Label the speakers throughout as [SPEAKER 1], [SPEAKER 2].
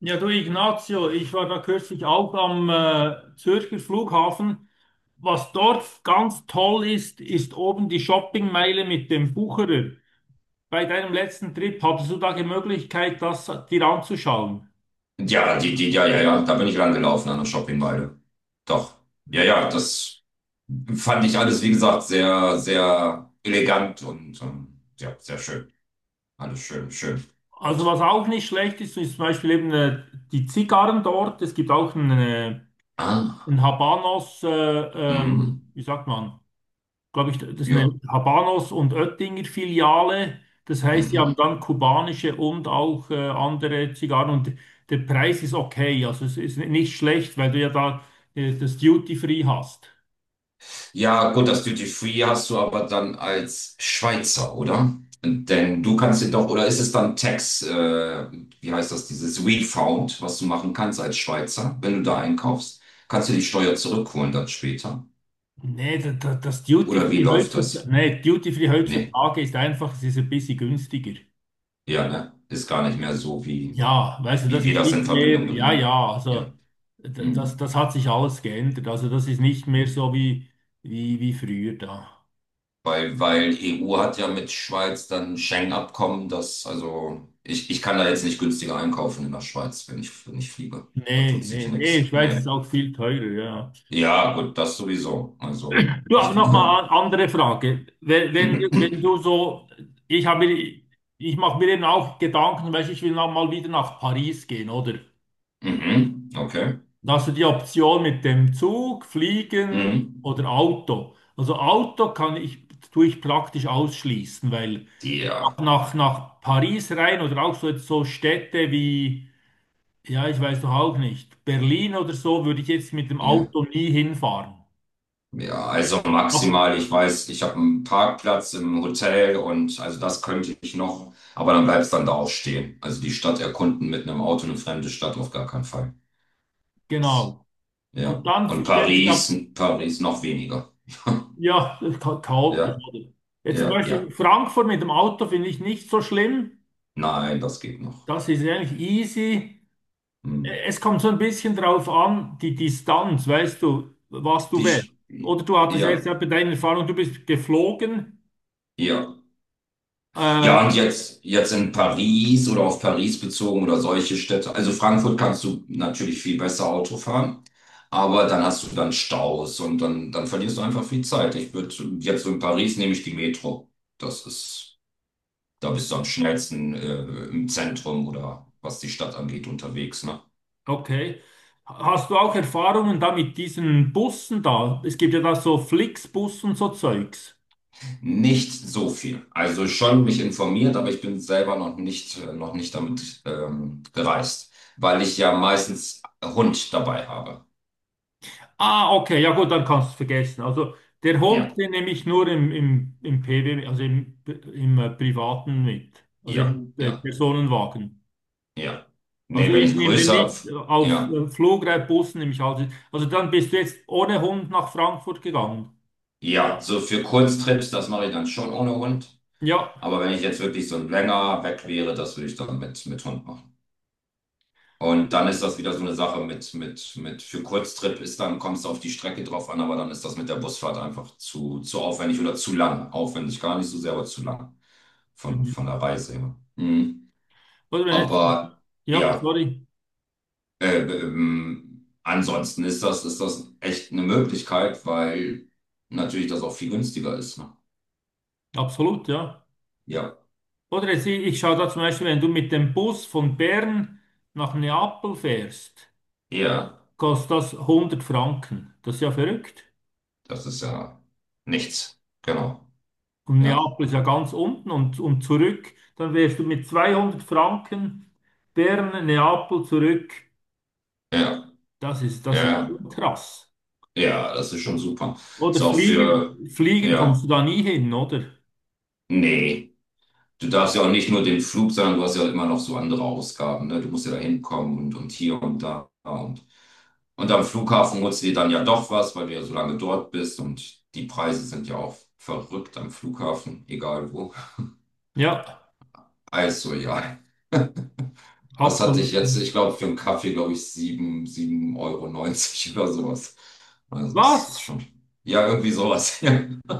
[SPEAKER 1] Ja, du Ignazio, ich war da kürzlich auch am Zürcher Flughafen. Was dort ganz toll ist, ist oben die Shoppingmeile mit dem Bucherer. Bei deinem letzten Trip hattest du da die Möglichkeit, das dir anzuschauen.
[SPEAKER 2] Ja, die, ja, ja, ja, da bin ich lang gelaufen an der Shoppingmeile. Doch. Ja, ja, das fand ich alles, wie gesagt, sehr, sehr elegant und ja, sehr schön. Alles schön, schön.
[SPEAKER 1] Also
[SPEAKER 2] Gott.
[SPEAKER 1] was auch nicht schlecht ist, ist zum Beispiel eben die Zigarren dort. Es gibt auch einen, äh,
[SPEAKER 2] Ah,
[SPEAKER 1] einen Habanos,
[SPEAKER 2] mhm.
[SPEAKER 1] wie sagt man? Glaube ich, das ist eine
[SPEAKER 2] Ja.
[SPEAKER 1] Habanos und Oettinger Filiale. Das heißt, die haben
[SPEAKER 2] Mhm.
[SPEAKER 1] dann kubanische und auch andere Zigarren und der Preis ist okay. Also es ist nicht schlecht, weil du ja da das Duty Free hast.
[SPEAKER 2] Ja, gut, das Duty Free hast du aber dann als Schweizer, oder? Denn du kannst dir doch, oder ist es dann Tax, wie heißt das, dieses Refund, was du machen kannst als Schweizer, wenn du da einkaufst? Kannst du die Steuer zurückholen dann später?
[SPEAKER 1] Nee, das Duty
[SPEAKER 2] Oder wie
[SPEAKER 1] Free
[SPEAKER 2] läuft
[SPEAKER 1] heutzutage,
[SPEAKER 2] das?
[SPEAKER 1] nee, Duty Free
[SPEAKER 2] Nee,
[SPEAKER 1] heutzutage ist einfach, es ist ein bisschen günstiger.
[SPEAKER 2] ja, ne? Ist gar nicht mehr so, wie,
[SPEAKER 1] Ja, weißt du,
[SPEAKER 2] wie
[SPEAKER 1] das
[SPEAKER 2] wir
[SPEAKER 1] ist
[SPEAKER 2] das in
[SPEAKER 1] nicht
[SPEAKER 2] Verbindung
[SPEAKER 1] mehr, ja,
[SPEAKER 2] bringen.
[SPEAKER 1] ja, also
[SPEAKER 2] Ja.
[SPEAKER 1] d- das,
[SPEAKER 2] Hm.
[SPEAKER 1] das hat sich alles geändert. Also das ist nicht mehr so wie, wie früher da.
[SPEAKER 2] Weil EU hat ja mit Schweiz dann Schengen-Abkommen, das, also ich kann da jetzt nicht günstiger einkaufen in der Schweiz, wenn ich fliege. Da
[SPEAKER 1] Nee,
[SPEAKER 2] tut
[SPEAKER 1] nee,
[SPEAKER 2] sich
[SPEAKER 1] nee, in
[SPEAKER 2] nichts.
[SPEAKER 1] Schweiz ist
[SPEAKER 2] Nee.
[SPEAKER 1] auch viel teurer, ja.
[SPEAKER 2] Ja, gut, das sowieso. Also.
[SPEAKER 1] Du, aber nochmal eine andere Frage. Wenn du so, ich habe, mir- ich mache mir eben auch Gedanken, weißt du, ich will noch mal wieder nach Paris gehen, oder?
[SPEAKER 2] Mhm, okay.
[SPEAKER 1] Da hast du die Option mit dem Zug, Fliegen
[SPEAKER 2] Mhm.
[SPEAKER 1] oder Auto. Also Auto kann ich, tue ich praktisch ausschließen, weil
[SPEAKER 2] Ja,
[SPEAKER 1] nach Paris rein oder auch so, jetzt so Städte wie, ja, ich weiß doch auch nicht, Berlin oder so, würde ich jetzt mit dem
[SPEAKER 2] ja.
[SPEAKER 1] Auto nie hinfahren.
[SPEAKER 2] Ja, also
[SPEAKER 1] Aber
[SPEAKER 2] maximal, ich weiß, ich habe einen Parkplatz im Hotel und also das könnte ich noch, aber dann bleibst dann da auch stehen. Also die Stadt erkunden mit einem Auto, eine fremde Stadt auf gar keinen Fall.
[SPEAKER 1] genau. Und
[SPEAKER 2] Ja.
[SPEAKER 1] dann
[SPEAKER 2] Und
[SPEAKER 1] stellt sich ab,
[SPEAKER 2] Paris, Paris noch weniger.
[SPEAKER 1] ja, das ist chaotisch,
[SPEAKER 2] Ja,
[SPEAKER 1] oder? Jetzt zum
[SPEAKER 2] ja, ja.
[SPEAKER 1] Beispiel Frankfurt mit dem Auto finde ich nicht so schlimm.
[SPEAKER 2] Nein, das geht noch.
[SPEAKER 1] Das ist eigentlich easy.
[SPEAKER 2] Hm.
[SPEAKER 1] Es kommt so ein bisschen drauf an, die Distanz, weißt du, was du
[SPEAKER 2] Die,
[SPEAKER 1] wählst.
[SPEAKER 2] Sch-
[SPEAKER 1] Oder du hattest ja
[SPEAKER 2] ja,
[SPEAKER 1] jetzt ja bei deiner Erfahrung, du bist geflogen.
[SPEAKER 2] ja.
[SPEAKER 1] Äh,
[SPEAKER 2] Ja, und jetzt, jetzt in Paris oder auf Paris bezogen oder solche Städte. Also Frankfurt kannst du natürlich viel besser Auto fahren, aber dann hast du dann Staus und dann, dann verlierst du einfach viel Zeit. Ich würde jetzt so in Paris nehme ich die Metro. Das ist, da bist du am schnellsten im Zentrum oder was die Stadt angeht unterwegs, ne?
[SPEAKER 1] okay. Hast du auch Erfahrungen da mit diesen Bussen da? Es gibt ja da so Flixbus und so Zeugs.
[SPEAKER 2] Nicht so viel. Also schon mich informiert, aber ich bin selber noch nicht damit gereist, weil ich ja meistens Hund dabei habe.
[SPEAKER 1] Ah, okay, ja gut, dann kannst du es vergessen. Also der Hund,
[SPEAKER 2] Ja.
[SPEAKER 1] den nehme ich nur im PW, also im Privaten mit, also
[SPEAKER 2] Ja,
[SPEAKER 1] im
[SPEAKER 2] ja,
[SPEAKER 1] Personenwagen.
[SPEAKER 2] ja.
[SPEAKER 1] Also
[SPEAKER 2] Nee, wenn
[SPEAKER 1] ich
[SPEAKER 2] ich
[SPEAKER 1] nehme den
[SPEAKER 2] größer,
[SPEAKER 1] nicht auf
[SPEAKER 2] ja,
[SPEAKER 1] Flugreitbussen, nehme ich alles. Also dann bist du jetzt ohne Hund nach Frankfurt gegangen.
[SPEAKER 2] ja, so für Kurztrips, das mache ich dann schon ohne Hund.
[SPEAKER 1] Ja.
[SPEAKER 2] Aber wenn ich jetzt wirklich so ein länger weg wäre, das würde ich dann mit Hund machen. Und dann ist das wieder so eine Sache mit, für Kurztrip ist dann, kommst du auf die Strecke drauf an, aber dann ist das mit der Busfahrt einfach zu aufwendig oder zu lang. Aufwendig gar nicht so sehr, aber zu lang von
[SPEAKER 1] Mhm.
[SPEAKER 2] der Reise her. Mhm.
[SPEAKER 1] Oder wenn jetzt,
[SPEAKER 2] Aber
[SPEAKER 1] ja,
[SPEAKER 2] ja.
[SPEAKER 1] sorry,
[SPEAKER 2] Ansonsten ist das echt eine Möglichkeit, weil natürlich das auch viel günstiger ist. Ne?
[SPEAKER 1] absolut, ja.
[SPEAKER 2] Ja.
[SPEAKER 1] Oder jetzt, ich schaue da zum Beispiel, wenn du mit dem Bus von Bern nach Neapel fährst,
[SPEAKER 2] Ja,
[SPEAKER 1] kostet das 100 Franken. Das ist ja verrückt.
[SPEAKER 2] das ist ja nichts. Genau.
[SPEAKER 1] Und
[SPEAKER 2] Ja.
[SPEAKER 1] Neapel ist ja ganz unten und zurück. Dann wärst du mit 200 Franken Bern, Neapel zurück.
[SPEAKER 2] Ja.
[SPEAKER 1] Das ist
[SPEAKER 2] Ja.
[SPEAKER 1] schon krass.
[SPEAKER 2] Ja, das ist schon super. Ist
[SPEAKER 1] Oder
[SPEAKER 2] auch für,
[SPEAKER 1] fliegen, fliegen kommst du
[SPEAKER 2] ja,
[SPEAKER 1] da nie hin, oder?
[SPEAKER 2] nee. Du darfst ja auch nicht nur den Flug, sondern du hast ja immer noch so andere Ausgaben. Ne? Du musst ja da hinkommen und hier und da. Und am Flughafen holst du dir dann ja doch was, weil du ja so lange dort bist. Und die Preise sind ja auch verrückt am Flughafen, egal wo.
[SPEAKER 1] Ja,
[SPEAKER 2] Also ja, was hatte
[SPEAKER 1] absolut.
[SPEAKER 2] ich jetzt? Ich glaube, für einen Kaffee, glaube ich, sieben Euro neunzig oder sowas. Also es ist
[SPEAKER 1] Was?
[SPEAKER 2] schon, ja, irgendwie sowas.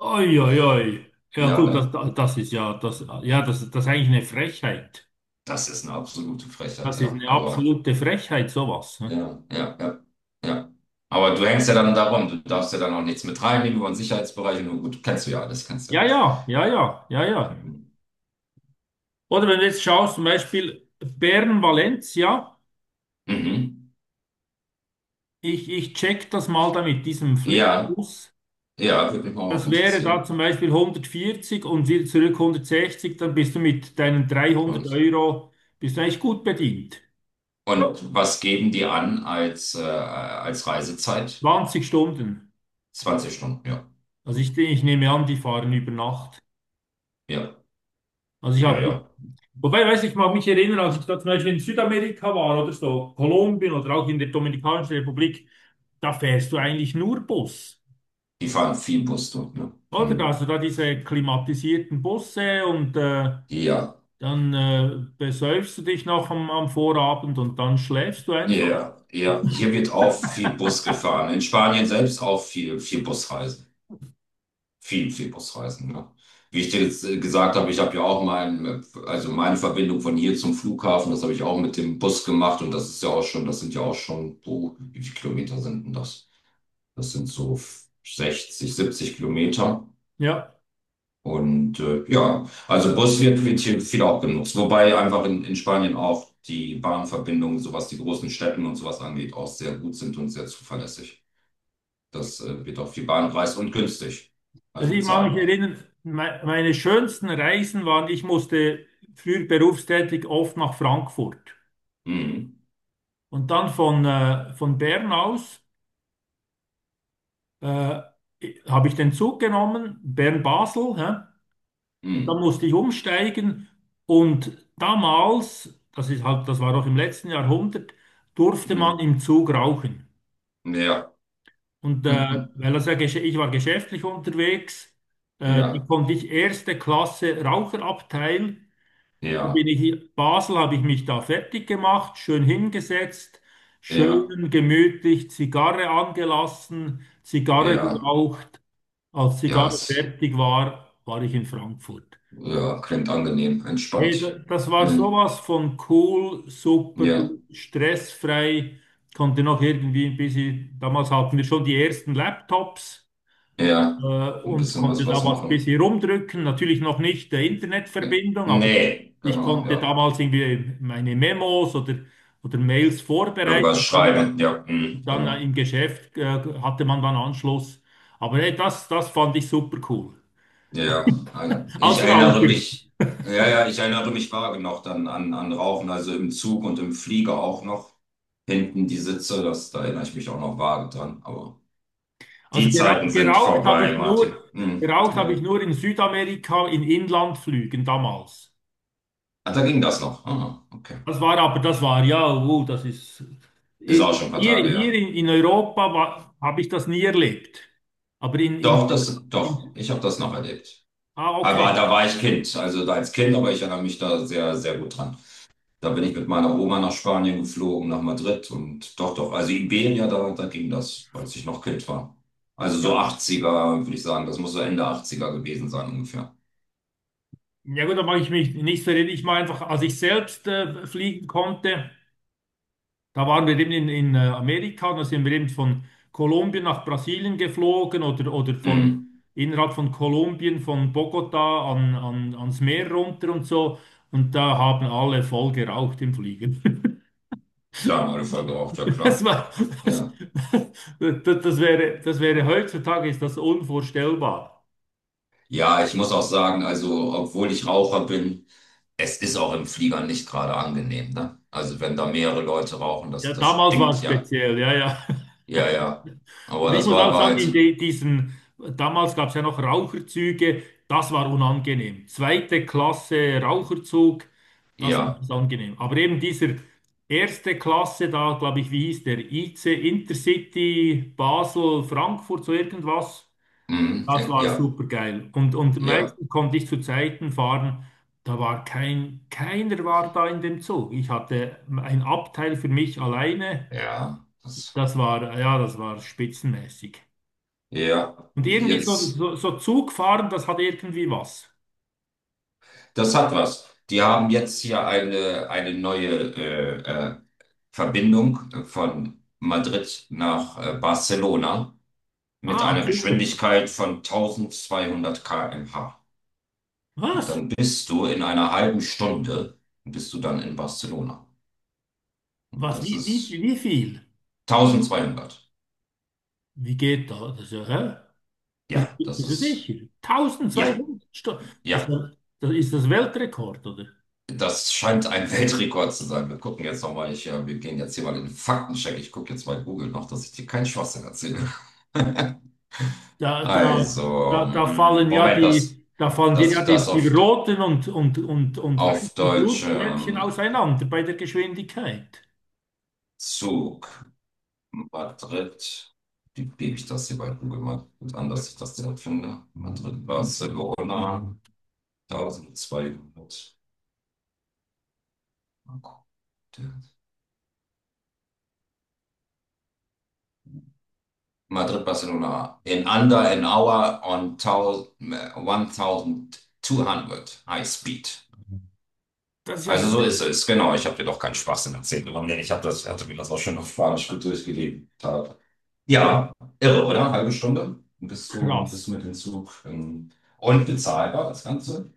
[SPEAKER 1] Oi, oi, oi. Ja
[SPEAKER 2] Ja,
[SPEAKER 1] gut, das,
[SPEAKER 2] ne?
[SPEAKER 1] das ist ja, das, ja, das, das ist eigentlich eine Frechheit.
[SPEAKER 2] Das ist eine absolute Frechheit,
[SPEAKER 1] Das ist
[SPEAKER 2] ja.
[SPEAKER 1] eine
[SPEAKER 2] Aber
[SPEAKER 1] absolute Frechheit, sowas, ne?
[SPEAKER 2] ja, ja, ja, ja. Aber du hängst ja dann darum, du darfst ja dann auch nichts mit reinnehmen über den Sicherheitsbereich. Nur gut, kennst du ja alles, kennst du ja
[SPEAKER 1] Ja,
[SPEAKER 2] alles.
[SPEAKER 1] ja, ja, ja, ja, ja. Oder wenn du jetzt schaust, zum Beispiel Bern-Valencia.
[SPEAKER 2] Mhm.
[SPEAKER 1] Ich check das mal da mit diesem
[SPEAKER 2] Ja,
[SPEAKER 1] Flixbus.
[SPEAKER 2] ja, würde mich mal auch
[SPEAKER 1] Das wäre da
[SPEAKER 2] interessieren.
[SPEAKER 1] zum Beispiel 140 und wieder zurück 160, dann bist du mit deinen 300
[SPEAKER 2] Und,
[SPEAKER 1] Euro, bist du eigentlich gut bedient.
[SPEAKER 2] und was geben die an als, als Reisezeit?
[SPEAKER 1] 20 Stunden.
[SPEAKER 2] 20 Stunden, ja.
[SPEAKER 1] Also ich,
[SPEAKER 2] Hm.
[SPEAKER 1] ich nehme an, die fahren über Nacht.
[SPEAKER 2] Ja,
[SPEAKER 1] Also ich
[SPEAKER 2] ja,
[SPEAKER 1] habe,
[SPEAKER 2] ja.
[SPEAKER 1] wobei, weiß ich mag mich erinnern, als ich da zum Beispiel in Südamerika war oder so, Kolumbien oder auch in der Dominikanischen Republik, da fährst du eigentlich nur Bus.
[SPEAKER 2] Die fahren viel Bus dort, ne?
[SPEAKER 1] Oder? Da hast
[SPEAKER 2] Mhm.
[SPEAKER 1] du da diese klimatisierten Busse und äh,
[SPEAKER 2] Ja,
[SPEAKER 1] Dann äh, besäufst du dich noch am Vorabend und dann schläfst du einfach.
[SPEAKER 2] ja, ja. Hier wird auch viel Bus gefahren. In Spanien selbst auch viel, viel Busreisen. Viel, viel Busreisen. Ne? Wie ich dir jetzt gesagt habe, ich habe ja auch also meine Verbindung von hier zum Flughafen, das habe ich auch mit dem Bus gemacht und das ist ja auch schon, das sind ja auch schon, oh, wie viele Kilometer sind denn das? Das sind so 60, 70 Kilometer.
[SPEAKER 1] Ja,
[SPEAKER 2] Und ja, also Bus wird, wird hier viel auch genutzt. Wobei einfach in Spanien auch die Bahnverbindungen, so was die großen Städten und sowas angeht, auch sehr gut sind und sehr zuverlässig. Das wird auch viel Bahn gereist und günstig, also
[SPEAKER 1] also ich mag mich
[SPEAKER 2] bezahlbar.
[SPEAKER 1] erinnern, me meine schönsten Reisen waren, ich musste früher berufstätig oft nach Frankfurt.
[SPEAKER 2] Mhm.
[SPEAKER 1] Und dann von Bern aus äh, habe ich den Zug genommen, Bern-Basel, hä? Und dann
[SPEAKER 2] Mhm.
[SPEAKER 1] musste ich umsteigen. Und damals, das ist halt, das war doch im letzten Jahrhundert, durfte
[SPEAKER 2] Hm,
[SPEAKER 1] man im Zug rauchen.
[SPEAKER 2] ja,
[SPEAKER 1] Und weil er sehr ich war geschäftlich unterwegs, da
[SPEAKER 2] ja,
[SPEAKER 1] konnte ich erste Klasse Raucherabteil. Da
[SPEAKER 2] ja,
[SPEAKER 1] bin ich in Basel, habe ich mich da fertig gemacht, schön hingesetzt,
[SPEAKER 2] ja,
[SPEAKER 1] schön gemütlich Zigarre angelassen, Zigarre
[SPEAKER 2] ja,
[SPEAKER 1] geraucht. Als
[SPEAKER 2] ja,
[SPEAKER 1] Zigarre fertig war, war ich in Frankfurt.
[SPEAKER 2] ja, klingt angenehm,
[SPEAKER 1] Hey,
[SPEAKER 2] entspannt.
[SPEAKER 1] das war
[SPEAKER 2] Hm,
[SPEAKER 1] sowas von cool, super,
[SPEAKER 2] ja,
[SPEAKER 1] stressfrei. Konnte noch irgendwie ein bisschen, damals hatten wir schon die ersten Laptops. äh,
[SPEAKER 2] ja, ein
[SPEAKER 1] und
[SPEAKER 2] bisschen
[SPEAKER 1] konnte
[SPEAKER 2] was,
[SPEAKER 1] da
[SPEAKER 2] was
[SPEAKER 1] was ein
[SPEAKER 2] machen.
[SPEAKER 1] bisschen rumdrücken. Natürlich noch nicht der
[SPEAKER 2] Nee,
[SPEAKER 1] Internetverbindung, aber
[SPEAKER 2] nee,
[SPEAKER 1] ich
[SPEAKER 2] genau,
[SPEAKER 1] konnte
[SPEAKER 2] ja.
[SPEAKER 1] damals irgendwie meine Memos oder Mails
[SPEAKER 2] Irgendwas
[SPEAKER 1] vorbereiten. Dann,
[SPEAKER 2] schreiben, ja, hm,
[SPEAKER 1] dann äh,
[SPEAKER 2] genau.
[SPEAKER 1] im Geschäft hatte man dann Anschluss. Aber hey, das fand ich super cool.
[SPEAKER 2] Ja, ich
[SPEAKER 1] Als
[SPEAKER 2] erinnere
[SPEAKER 1] Raucher.
[SPEAKER 2] mich, ja, ja, ich erinnere mich vage noch dann an Rauchen, also im Zug und im Flieger auch noch. Hinten die Sitze, da erinnere ich mich auch noch vage dran, aber
[SPEAKER 1] Also
[SPEAKER 2] die Zeiten sind
[SPEAKER 1] geraucht habe
[SPEAKER 2] vorbei,
[SPEAKER 1] ich nur,
[SPEAKER 2] Martin. Hm,
[SPEAKER 1] geraucht habe ich
[SPEAKER 2] ja.
[SPEAKER 1] nur in Südamerika in Inlandflügen damals.
[SPEAKER 2] Ah, da ging das noch. Ah, okay.
[SPEAKER 1] Das war aber, das war ja, das ist
[SPEAKER 2] Ist
[SPEAKER 1] hier,
[SPEAKER 2] auch schon ein paar Tage
[SPEAKER 1] hier
[SPEAKER 2] ja.
[SPEAKER 1] in Europa habe ich das nie erlebt. Aber
[SPEAKER 2] Doch, doch,
[SPEAKER 1] in
[SPEAKER 2] ich habe das noch erlebt.
[SPEAKER 1] ah,
[SPEAKER 2] Aber
[SPEAKER 1] okay.
[SPEAKER 2] da war ich Kind, also da als Kind, aber ich erinnere mich da sehr, sehr gut dran. Da bin ich mit meiner Oma nach Spanien geflogen, nach Madrid und doch, doch, also Iberia, da ging das, als ich noch Kind war. Also so
[SPEAKER 1] Ja,
[SPEAKER 2] 80er würde ich sagen, das muss so Ende 80er gewesen sein ungefähr.
[SPEAKER 1] ja gut, da mache ich mich nicht verrückt. Ich mache einfach, als ich selbst fliegen konnte, da waren wir eben in Amerika, und da sind wir eben von Kolumbien nach Brasilien geflogen oder von
[SPEAKER 2] Mhm.
[SPEAKER 1] innerhalb von Kolumbien, von Bogota an ans Meer runter und so. Und da haben alle voll geraucht im Fliegen.
[SPEAKER 2] Da haben alle voll geraucht, ja
[SPEAKER 1] Das
[SPEAKER 2] klar.
[SPEAKER 1] war, das,
[SPEAKER 2] Ja.
[SPEAKER 1] das, das wäre heutzutage ist das unvorstellbar.
[SPEAKER 2] Ja, ich muss auch sagen, also obwohl ich Raucher bin, es ist auch im Flieger nicht gerade angenehm, ne? Also wenn da mehrere Leute rauchen, das,
[SPEAKER 1] Ja,
[SPEAKER 2] das
[SPEAKER 1] damals war es
[SPEAKER 2] stinkt ja.
[SPEAKER 1] speziell, ja, ja.
[SPEAKER 2] Ja, ja.
[SPEAKER 1] Und
[SPEAKER 2] Aber
[SPEAKER 1] ich
[SPEAKER 2] das
[SPEAKER 1] muss
[SPEAKER 2] war,
[SPEAKER 1] auch
[SPEAKER 2] war
[SPEAKER 1] sagen,
[SPEAKER 2] halt so.
[SPEAKER 1] diesen, damals gab es ja noch Raucherzüge, das war unangenehm. Zweite Klasse Raucherzug, das war
[SPEAKER 2] Ja.
[SPEAKER 1] nicht angenehm. Aber eben dieser erste Klasse da, glaube ich, wie hieß der? IC Intercity Basel Frankfurt, so irgendwas.
[SPEAKER 2] Mhm.
[SPEAKER 1] Das war
[SPEAKER 2] Ja,
[SPEAKER 1] super geil. Und
[SPEAKER 2] ja,
[SPEAKER 1] meistens konnte ich zu Zeiten fahren, da war kein, keiner war da in dem Zug. Ich hatte ein Abteil für mich alleine.
[SPEAKER 2] ja. Das,
[SPEAKER 1] Das war, ja, das war spitzenmäßig.
[SPEAKER 2] ja.
[SPEAKER 1] Und irgendwie so,
[SPEAKER 2] Jetzt,
[SPEAKER 1] so, so Zugfahren, das hat irgendwie was.
[SPEAKER 2] das hat was. Die haben jetzt hier eine neue äh, Verbindung von Madrid nach Barcelona mit
[SPEAKER 1] Ah,
[SPEAKER 2] einer
[SPEAKER 1] super.
[SPEAKER 2] Geschwindigkeit von 1200 km/h. Und
[SPEAKER 1] Was?
[SPEAKER 2] dann bist du in einer halben Stunde, bist du dann in Barcelona. Und
[SPEAKER 1] Was?
[SPEAKER 2] das ist
[SPEAKER 1] Wie viel?
[SPEAKER 2] 1200.
[SPEAKER 1] Wie geht da? Das ist ja, hä?
[SPEAKER 2] Ja, das
[SPEAKER 1] Bist du sicher?
[SPEAKER 2] ist, ja,
[SPEAKER 1] 1200 Stunden. Das ist
[SPEAKER 2] ja.
[SPEAKER 1] ja- das ist das Weltrekord, oder?
[SPEAKER 2] Das scheint ein Weltrekord zu sein. Wir gucken jetzt nochmal, wir gehen jetzt hier mal in den Faktencheck. Ich gucke jetzt bei Google noch, dass ich dir keinen Schwachsinn erzähle.
[SPEAKER 1] Da, da,
[SPEAKER 2] Also,
[SPEAKER 1] da, da fallen ja
[SPEAKER 2] Moment, dass,
[SPEAKER 1] die, da fallen dir
[SPEAKER 2] dass
[SPEAKER 1] ja
[SPEAKER 2] ich das
[SPEAKER 1] die
[SPEAKER 2] auf,
[SPEAKER 1] roten und
[SPEAKER 2] auf
[SPEAKER 1] weißen
[SPEAKER 2] Deutsch
[SPEAKER 1] Blutplättchen auseinander bei der Geschwindigkeit.
[SPEAKER 2] Zug. Madrid. Wie gebe ich das hier bei Google mal gut an, dass ich das direkt finde? Madrid, Barcelona, 1200. Mal gucken. Madrid, Barcelona. In under an hour on 1000, High Speed.
[SPEAKER 1] Das ist ja
[SPEAKER 2] Also so ist es, genau. Ich habe dir doch keinen Spaß in erzählt. Ich hab hatte mir das auch schon auf Spanisch gut durchgelesen. Ja, irre, oder? Halbe Stunde bist du, bist
[SPEAKER 1] krass.
[SPEAKER 2] du mit dem Zug und bezahlbar, das Ganze.